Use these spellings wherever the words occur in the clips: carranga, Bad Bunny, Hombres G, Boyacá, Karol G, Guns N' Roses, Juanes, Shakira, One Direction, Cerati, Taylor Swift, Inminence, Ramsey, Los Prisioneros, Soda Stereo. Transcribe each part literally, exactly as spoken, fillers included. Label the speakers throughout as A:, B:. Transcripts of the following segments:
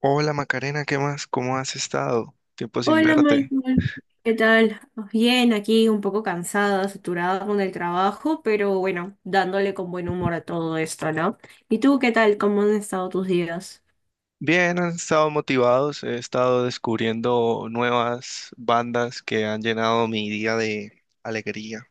A: Hola Macarena, ¿qué más? ¿Cómo has estado? Tiempo sin
B: Hola
A: verte.
B: Michael, ¿qué tal? Bien, aquí un poco cansada, saturada con el trabajo, pero bueno, dándole con buen humor a todo esto, ¿no? ¿Y tú qué tal? ¿Cómo han estado tus días?
A: Bien, han estado motivados, he estado descubriendo nuevas bandas que han llenado mi día de alegría.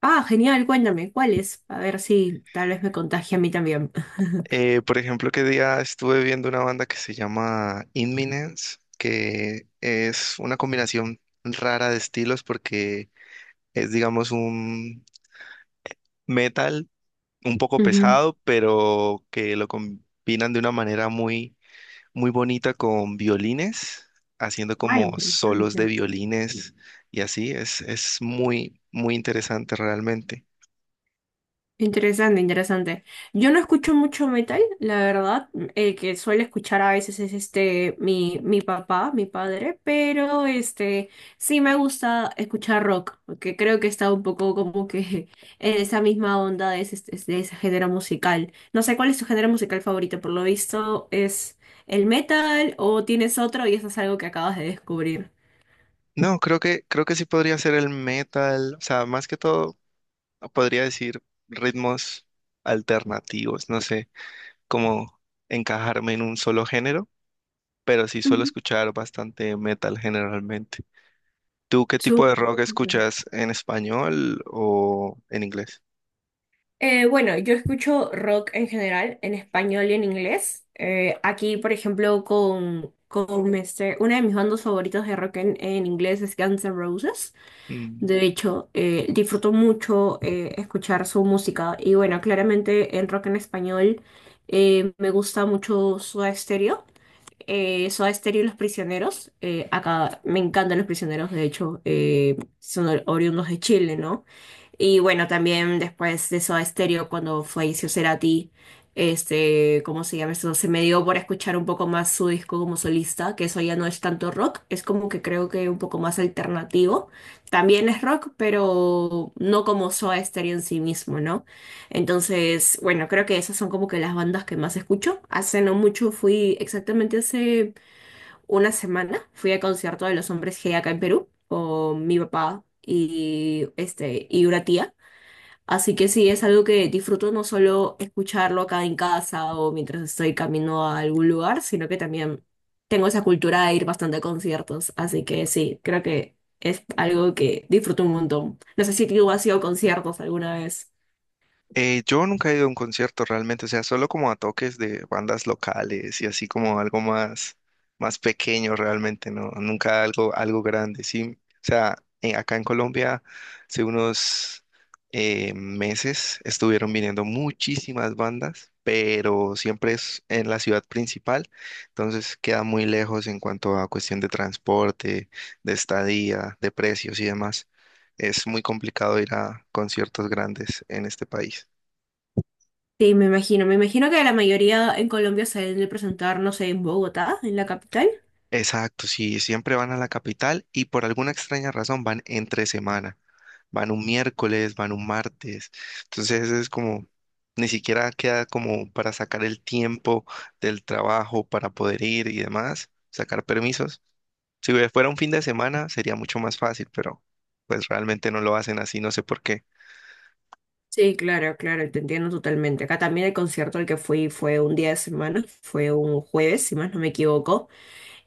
B: Ah, genial, cuéntame, ¿cuáles? A ver si tal vez me contagie a mí también.
A: Eh, por ejemplo, que día estuve viendo una banda que se llama Inminence, que es una combinación rara de estilos porque es, digamos, un metal un poco
B: Ujú.
A: pesado, pero que lo combinan de una manera muy muy bonita con violines, haciendo
B: Ah,
A: como solos de
B: interesante.
A: violines y así. Es, es muy, muy interesante realmente.
B: Interesante, interesante. Yo no escucho mucho metal, la verdad. El que suele escuchar a veces es este mi, mi papá, mi padre, pero este sí me gusta escuchar rock, porque creo que está un poco como que en esa misma onda de ese, de ese género musical. No sé cuál es tu género musical favorito, por lo visto es el metal o tienes otro y eso es algo que acabas de descubrir.
A: No, creo que, creo que sí podría ser el metal. O sea, más que todo, podría decir ritmos alternativos. No sé cómo encajarme en un solo género, pero sí suelo
B: Ujú.
A: escuchar bastante metal generalmente. ¿Tú qué tipo de
B: Súper.
A: rock escuchas en español o en inglés?
B: Eh, bueno, yo escucho rock en general, en español y en inglés. Eh, aquí, por ejemplo, con, con este- una de mis bandas favoritas de rock en, en inglés es Guns N' Roses.
A: Mm.
B: De hecho, eh, disfruto mucho eh, escuchar su música. Y bueno, claramente en rock en español eh, me gusta mucho Soda Stereo, eh, Soda Stereo y Los Prisioneros. Eh, acá me encantan Los Prisioneros, de hecho, eh, son or- oriundos de Chile, ¿no? Y bueno, también después de Soda Stereo, cuando falleció Cerati, este, ¿cómo se llama eso? Se me dio por escuchar un poco más su disco como solista, que eso ya no es tanto rock, es como que creo que un poco más alternativo. También es rock, pero no como Soda Stereo en sí mismo, ¿no? Entonces, bueno, creo que esas son como que las bandas que más escucho. Hace no mucho fui, exactamente hace una semana, fui al concierto de los Hombres G acá en Perú con mi papá y este y una tía. Así que sí, es algo que disfruto no solo escucharlo acá en casa o mientras estoy camino a algún lugar, sino que también tengo esa cultura de ir bastante a conciertos. Así que sí, creo que es algo que disfruto un montón. No sé si tú has ido a conciertos alguna vez.
A: Eh, yo nunca he ido a un concierto realmente, o sea, solo como a toques de bandas locales y así como algo más, más pequeño realmente, ¿no? Nunca algo, algo grande, sí. O sea, en- acá en Colombia hace unos eh, meses estuvieron viniendo muchísimas bandas, pero siempre es en la ciudad principal, entonces queda muy lejos en cuanto a cuestión de transporte, de estadía, de precios y demás. Es muy complicado ir a conciertos grandes en este país.
B: Sí, me imagino. Me imagino que la mayoría en Colombia se deben de presentar, no sé, en Bogotá, en la capital.
A: Exacto, sí, siempre van a la capital y por alguna extraña razón van entre semana, van un miércoles, van un martes, entonces es como, ni siquiera queda como para sacar el tiempo del trabajo para poder ir y demás, sacar permisos. Si fuera un fin de semana sería mucho más fácil, pero pues realmente no lo hacen así, no sé por qué.
B: Sí, claro, claro, te entiendo totalmente. Acá también el concierto al que fui fue un día de semana, fue un jueves, si más no me equivoco.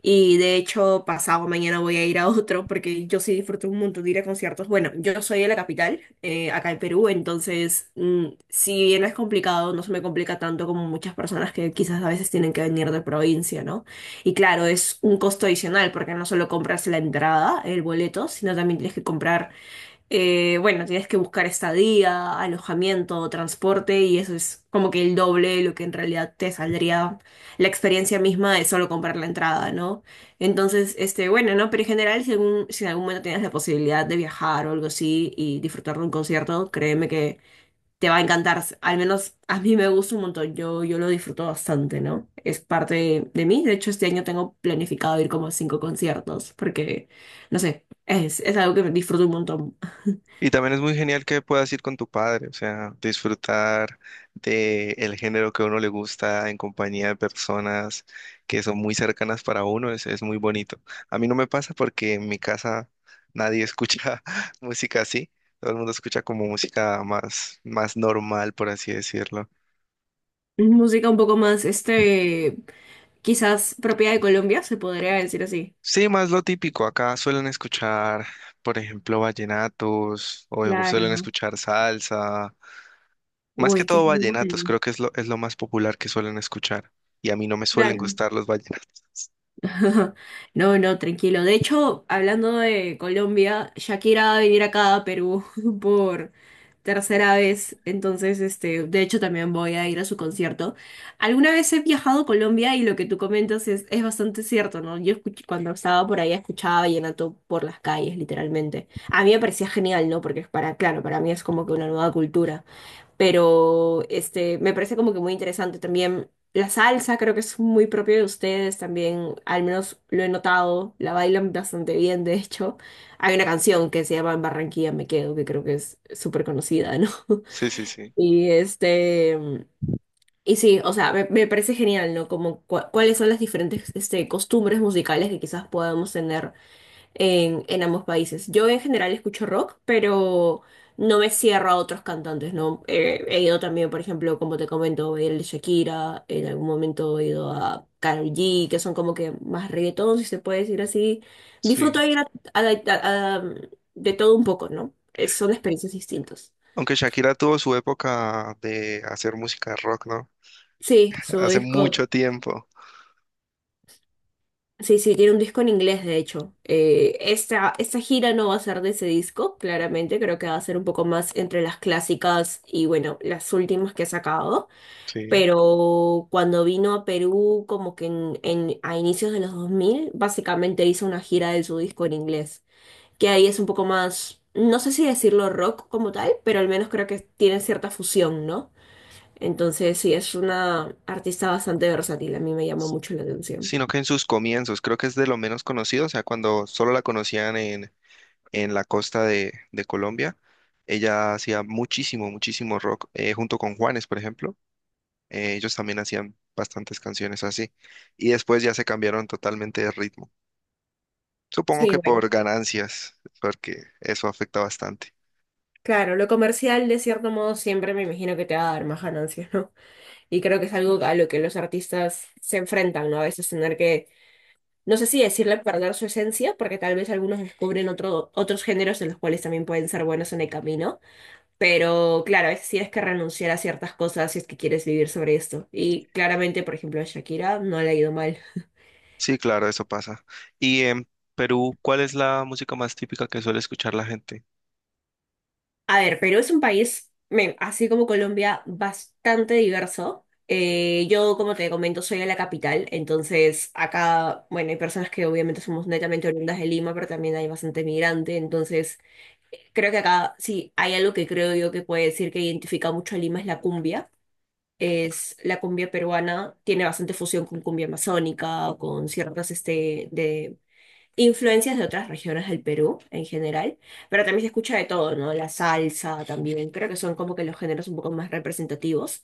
B: Y de hecho, pasado mañana voy a ir a otro porque yo sí disfruto un montón de ir a conciertos. Bueno, yo soy de la capital, eh, acá en Perú, entonces, mm, si bien es complicado, no se me complica tanto como muchas personas que quizás a veces tienen que venir de provincia, ¿no? Y claro, es un costo adicional porque no solo compras la entrada, el boleto, sino también tienes que comprar, eh, bueno, tienes que buscar estadía, alojamiento, transporte y eso es como que el doble de lo que en realidad te saldría la experiencia misma de solo comprar la entrada, ¿no? Entonces, este, bueno, ¿no? Pero en general, si, algún- si en algún momento tienes la posibilidad de viajar o algo así y disfrutar de un concierto, créeme que te va a encantar. Al menos a mí me gusta un montón, yo, yo lo disfruto bastante, ¿no? Es parte de de mí. De hecho, este año tengo planificado ir como a cinco conciertos porque, no sé, es, es algo que disfruto un montón.
A: Y también es muy genial que puedas ir con tu padre, o sea, disfrutar de el género que a uno le gusta en compañía de personas que son muy cercanas para uno, es, es muy bonito. A mí no me pasa porque en mi casa nadie escucha música así, todo el mundo escucha como música más, más normal, por así decirlo.
B: Música un poco más, este, quizás propia de Colombia, se podría decir así.
A: Sí, más lo típico, acá suelen escuchar, por ejemplo, vallenatos o suelen
B: Claro.
A: escuchar salsa. Más que
B: Uy, qué
A: todo vallenatos,
B: genial.
A: creo que es lo, es lo más popular que suelen escuchar. Y a mí no me suelen
B: Claro.
A: gustar los vallenatos.
B: No, no, tranquilo. De hecho, hablando de Colombia, Shakira va a venir acá a Perú por tercera vez. Entonces, este, de hecho, también voy a ir a su concierto. Alguna vez he viajado a Colombia y lo que tú comentas es, es bastante cierto, ¿no? Yo escuch- cuando estaba por ahí escuchaba vallenato por las calles, literalmente. A mí me parecía genial, ¿no? Porque es para, claro, para mí es como que una nueva cultura, pero este, me parece como que muy interesante también. La salsa creo que es muy propio de ustedes también, al menos lo he notado, la bailan bastante bien, de hecho. Hay una canción que se llama En Barranquilla me quedo, que creo que es súper conocida, ¿no?
A: Sí, sí, sí.
B: Y este, y sí, o sea, me, me parece genial, ¿no? Como cua- cuáles son las diferentes este, costumbres musicales que quizás podamos tener en, en ambos países. Yo en general escucho rock, pero no me cierro a otros cantantes, ¿no? Eh, he ido también, por ejemplo, como te comento, he ido a Shakira, en algún momento he ido a Karol G, que son como que más reggaetón, si se puede decir así. Disfruto
A: Sí.
B: de ir a- a- a- a- de todo un poco, ¿no? Eh, son experiencias distintas.
A: Aunque Shakira tuvo su época de hacer música rock, ¿no?
B: Sí, su
A: Hace
B: disco.
A: mucho tiempo.
B: Sí, sí, tiene un disco en inglés, de hecho. Eh, esta, esta gira no va a ser de ese disco, claramente. Creo que va a ser un poco más entre las clásicas y, bueno, las últimas que ha sacado.
A: Sí.
B: Pero cuando vino a Perú, como que en, en- a inicios de los dos mil básicamente hizo una gira de su disco en inglés. Que ahí es un poco más, no sé si decirlo rock como tal, pero al menos creo que tiene cierta fusión, ¿no? Entonces, sí, es una artista bastante versátil. A mí me llama mucho la atención.
A: Sino que en sus comienzos, creo que es de lo menos conocido, o sea, cuando solo la conocían en, en la costa de, de Colombia, ella hacía muchísimo, muchísimo rock, eh, junto con Juanes, por ejemplo. Eh, ellos también hacían bastantes canciones así. Y después ya se cambiaron totalmente de ritmo. Supongo
B: Sí,
A: que
B: bueno.
A: por ganancias, porque eso afecta bastante.
B: Claro, lo comercial de cierto modo siempre me imagino que te va a dar más ganancias, ¿no? Y creo que es algo a lo que los artistas se enfrentan, ¿no? A veces tener que, no sé si decirle perder su esencia, porque tal vez algunos descubren otro, otros géneros en los cuales también pueden ser buenos en el camino, pero claro, a veces sí es que renunciar a ciertas cosas si es que quieres vivir sobre esto. Y claramente, por ejemplo, a Shakira no le ha ido mal.
A: Sí, claro, eso pasa. Y en Perú, ¿cuál es la música más típica que suele escuchar la gente?
B: A ver, Perú es un país, men, así como Colombia, bastante diverso. Eh, yo, como te comento, soy de la capital, entonces acá, bueno, hay personas que obviamente somos netamente oriundas de Lima, pero también hay bastante migrante, entonces creo que acá sí hay algo que creo yo que puede decir que identifica mucho a Lima es la cumbia. Es la cumbia peruana, tiene bastante fusión con cumbia amazónica, con ciertas este, de influencias de otras regiones del Perú en general, pero también se escucha de todo, ¿no? La salsa también, creo que son como que los géneros un poco más representativos,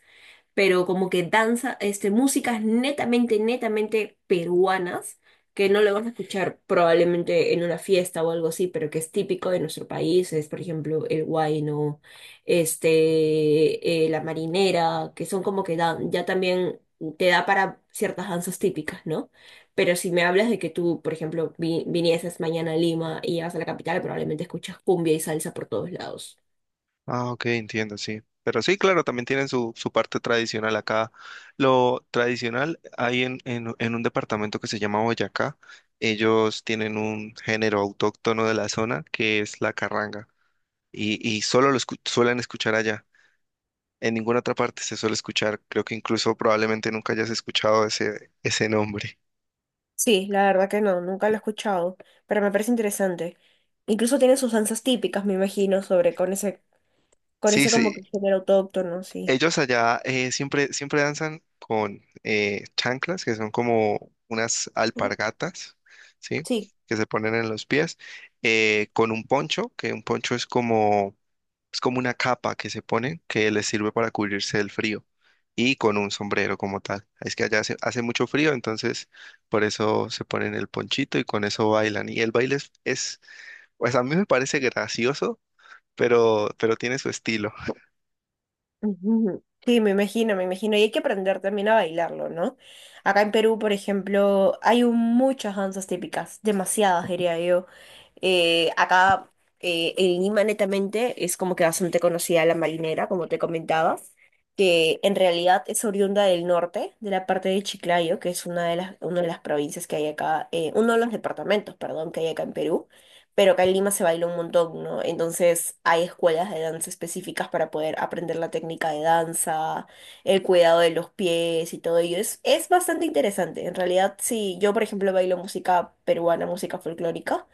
B: pero como que danza, este, músicas netamente, netamente peruanas, que no lo van a escuchar probablemente en una fiesta o algo así, pero que es típico de nuestro país, es por ejemplo el huayno, este, eh, la marinera, que son como que dan, ya también te da para ciertas danzas típicas, ¿no? Pero si me hablas de que tú, por ejemplo, vi- vinieses mañana a Lima y llegas a la capital, probablemente escuchas cumbia y salsa por todos lados.
A: Ah, ok, entiendo, sí. Pero sí, claro, también tienen su, su parte tradicional acá. Lo tradicional hay en, en, en un departamento que se llama Boyacá. Ellos tienen un género autóctono de la zona que es la carranga. Y, y solo lo escu- suelen escuchar allá. En ninguna otra parte se suele escuchar. Creo que incluso probablemente nunca hayas escuchado ese, ese nombre.
B: Sí, la verdad que no, nunca lo he escuchado, pero me parece interesante. Incluso tiene sus danzas típicas, me imagino, sobre con ese, con
A: Sí,
B: ese como
A: sí.
B: que género autóctono, sí.
A: Ellos allá eh, siempre, siempre danzan con eh, chanclas, que son como unas
B: Mm,
A: alpargatas, ¿sí?
B: sí.
A: Que se ponen en los pies, eh, con un poncho, que un poncho es como. Es como una capa que se pone que les sirve para cubrirse del frío y con un sombrero como tal. Es que allá hace, hace mucho frío, entonces por eso se ponen el ponchito y con eso bailan. Y el baile es, es- pues a mí me parece gracioso, pero, pero tiene su estilo.
B: Ujú. Sí, me imagino, me imagino. Y hay que aprender también a bailarlo, ¿no? Acá en Perú, por ejemplo, hay un- muchas danzas típicas, demasiadas, diría yo. Eh, acá, eh, en Lima, netamente, es como que bastante conocida la marinera, como te comentaba, que en realidad es oriunda del norte, de la parte de Chiclayo, que es una de las, una de las provincias que hay acá, eh, uno de los departamentos, perdón, que hay acá en Perú, pero acá en Lima se baila un montón, ¿no? Entonces hay escuelas de danza específicas para poder aprender la técnica de danza, el cuidado de los pies y todo ello. Es, es bastante interesante. En realidad, sí, yo, por ejemplo, bailo música peruana, música folclórica.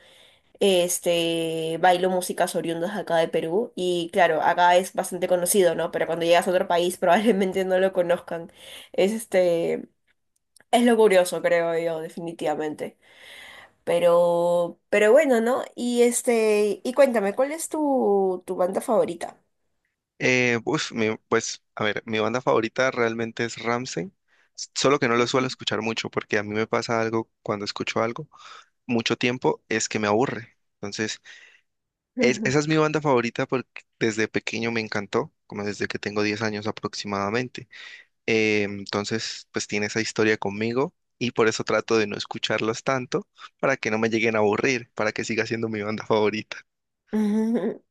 B: Este, bailo músicas oriundas acá de Perú y claro, acá es bastante conocido, ¿no? Pero cuando llegas a otro país probablemente no lo conozcan. Es este, es lo curioso, creo yo, definitivamente. Pero, pero bueno, ¿no? Y este, y cuéntame, ¿cuál es tu, tu banda favorita?
A: Eh, uf, mi- pues, a ver, mi banda favorita realmente es Ramsey, solo que no lo suelo escuchar mucho porque a mí me pasa algo cuando escucho algo mucho tiempo es que me aburre. Entonces Es-
B: Ujú.
A: esa es mi banda favorita porque desde pequeño me encantó, como desde que tengo diez años aproximadamente. Eh, entonces, pues tiene esa historia conmigo y por eso trato de no escucharlas tanto para que no me lleguen a aburrir, para que siga siendo mi banda favorita.
B: Ujú.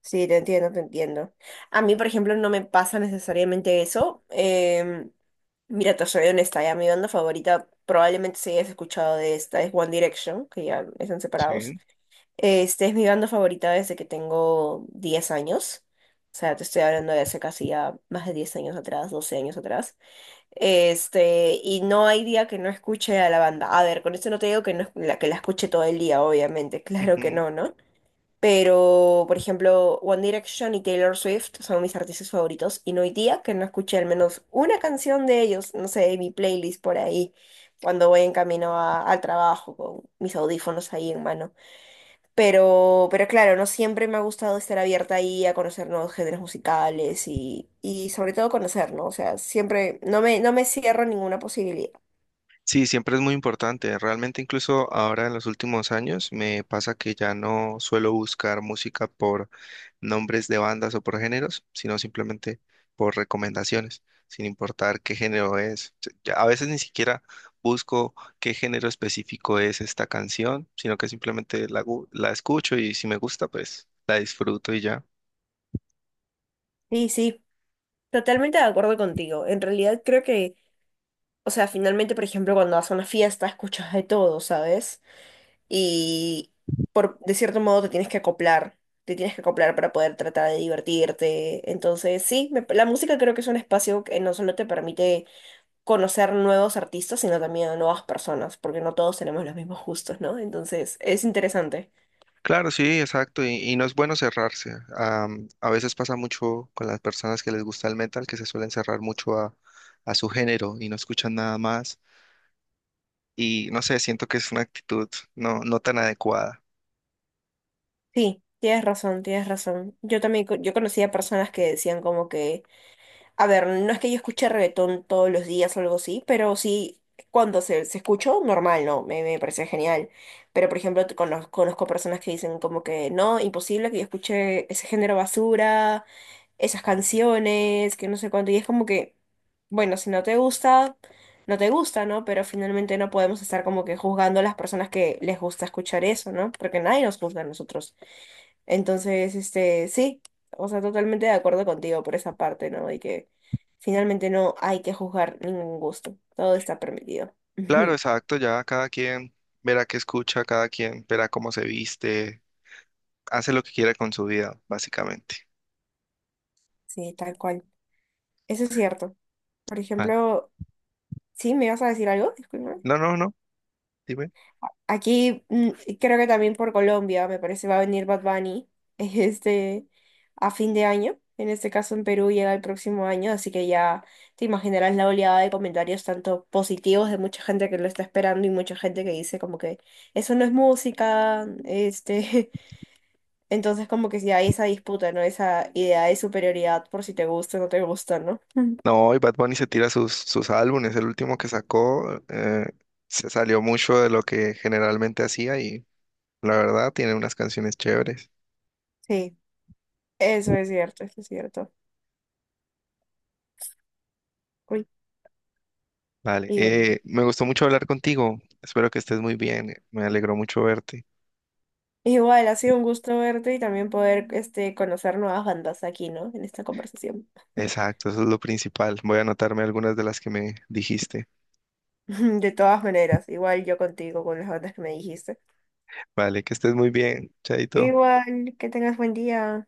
B: Sí, te entiendo, te entiendo. A mí, por ejemplo, no me pasa necesariamente eso. em, Mira, te soy honesta, ya mi banda favorita, probablemente si hayas escuchado de esta, es One Direction, que ya están separados.
A: Sí.
B: Este es mi banda favorita desde que tengo diez años. O sea, te estoy hablando de hace casi ya más de diez años atrás, doce años atrás. Este, y no hay día que no escuche a la banda. A ver, con esto no te digo que, no, es- la, que la escuche todo el día, obviamente, claro que
A: Ujú.
B: no, ¿no? Pero, por ejemplo, One Direction y Taylor Swift son mis artistas favoritos y no hay día que no escuche al menos una canción de ellos, no sé, en mi playlist por ahí, cuando voy en camino a- al trabajo con mis audífonos ahí en mano. Pero, pero claro, no siempre me ha gustado estar abierta ahí a conocer nuevos géneros musicales y, y sobre todo conocer, ¿no? O sea, siempre no me, no me cierro a ninguna posibilidad.
A: Sí, siempre es muy importante. Realmente incluso ahora en los últimos años me pasa que ya no suelo buscar música por nombres de bandas o por géneros, sino simplemente por recomendaciones, sin importar qué género es. Ya a veces ni siquiera busco qué género específico es esta canción, sino que simplemente la, gu- la escucho y si me gusta, pues la disfruto y ya.
B: Sí, sí, totalmente de acuerdo contigo. En realidad creo que... O sea, finalmente, por ejemplo, cuando vas a una fiesta, escuchas de todo, ¿sabes? Y por, de cierto modo te tienes que acoplar, te tienes que acoplar para poder tratar de divertirte. Entonces, sí, me- la música creo que es un espacio que no solo te permite conocer nuevos artistas, sino también a nuevas personas, porque no todos tenemos los mismos gustos, ¿no? Entonces, es interesante.
A: Claro, sí, exacto, y, y no es bueno cerrarse. Am, a veces pasa mucho con las personas que les gusta el metal, que se suelen cerrar mucho a, a su género y no escuchan nada más. Y no sé, siento que es una actitud no, no tan adecuada.
B: Sí, tienes razón, tienes razón. Yo también, co- yo conocía personas que decían como que... A ver, no es que yo escuche reggaetón todos los días o algo así, pero sí, cuando se, se escuchó, normal, ¿no? Me, me parece genial. Pero, por ejemplo, te conoz- conozco personas que dicen como que no, imposible que yo escuche ese género basura, esas canciones, que no sé cuánto. Y es como que, bueno, si no te gusta, no te gusta, ¿no? Pero finalmente no podemos estar como que juzgando a las personas que les gusta escuchar eso, ¿no? Porque nadie nos juzga a nosotros. Entonces, este, sí, o sea, totalmente de acuerdo contigo por esa parte, ¿no? Y que finalmente no hay que juzgar ningún gusto, todo está permitido.
A: Claro,
B: Ujú,
A: exacto, ya cada quien verá qué escucha, cada quien verá cómo se viste, hace lo que quiera con su vida, básicamente.
B: sí, tal cual. Eso es cierto. Por
A: Ah.
B: ejemplo, ¿sí me vas a decir algo? Disculpa.
A: No, no, no, dime.
B: Aquí mm, creo que también por Colombia, me parece, va a venir Bad Bunny este, a fin de año. En este caso en Perú llega el próximo año, así que ya te imaginarás la oleada de comentarios tanto positivos de mucha gente que lo está esperando y mucha gente que dice como que eso no es música, este, entonces como que ya hay esa disputa, ¿no? Esa idea de superioridad por si te gusta o no te gusta, ¿no?
A: No, y Bad Bunny se tira sus, sus álbumes, el último que sacó eh, se salió mucho de lo que generalmente hacía y la verdad tiene unas canciones chéveres.
B: Sí, eso es cierto, eso es cierto. Uy,
A: Vale,
B: y bueno.
A: eh, me gustó mucho hablar contigo, espero que estés muy bien, me alegró mucho verte.
B: Igual, ha sido un gusto verte y también poder este, conocer nuevas bandas aquí, ¿no? En esta conversación.
A: Exacto, eso es lo principal, voy a anotarme algunas de las que me dijiste.
B: De todas maneras, igual yo contigo, con las bandas que me dijiste.
A: Vale, que estés muy bien, chaito.
B: Igual, que tengas buen día.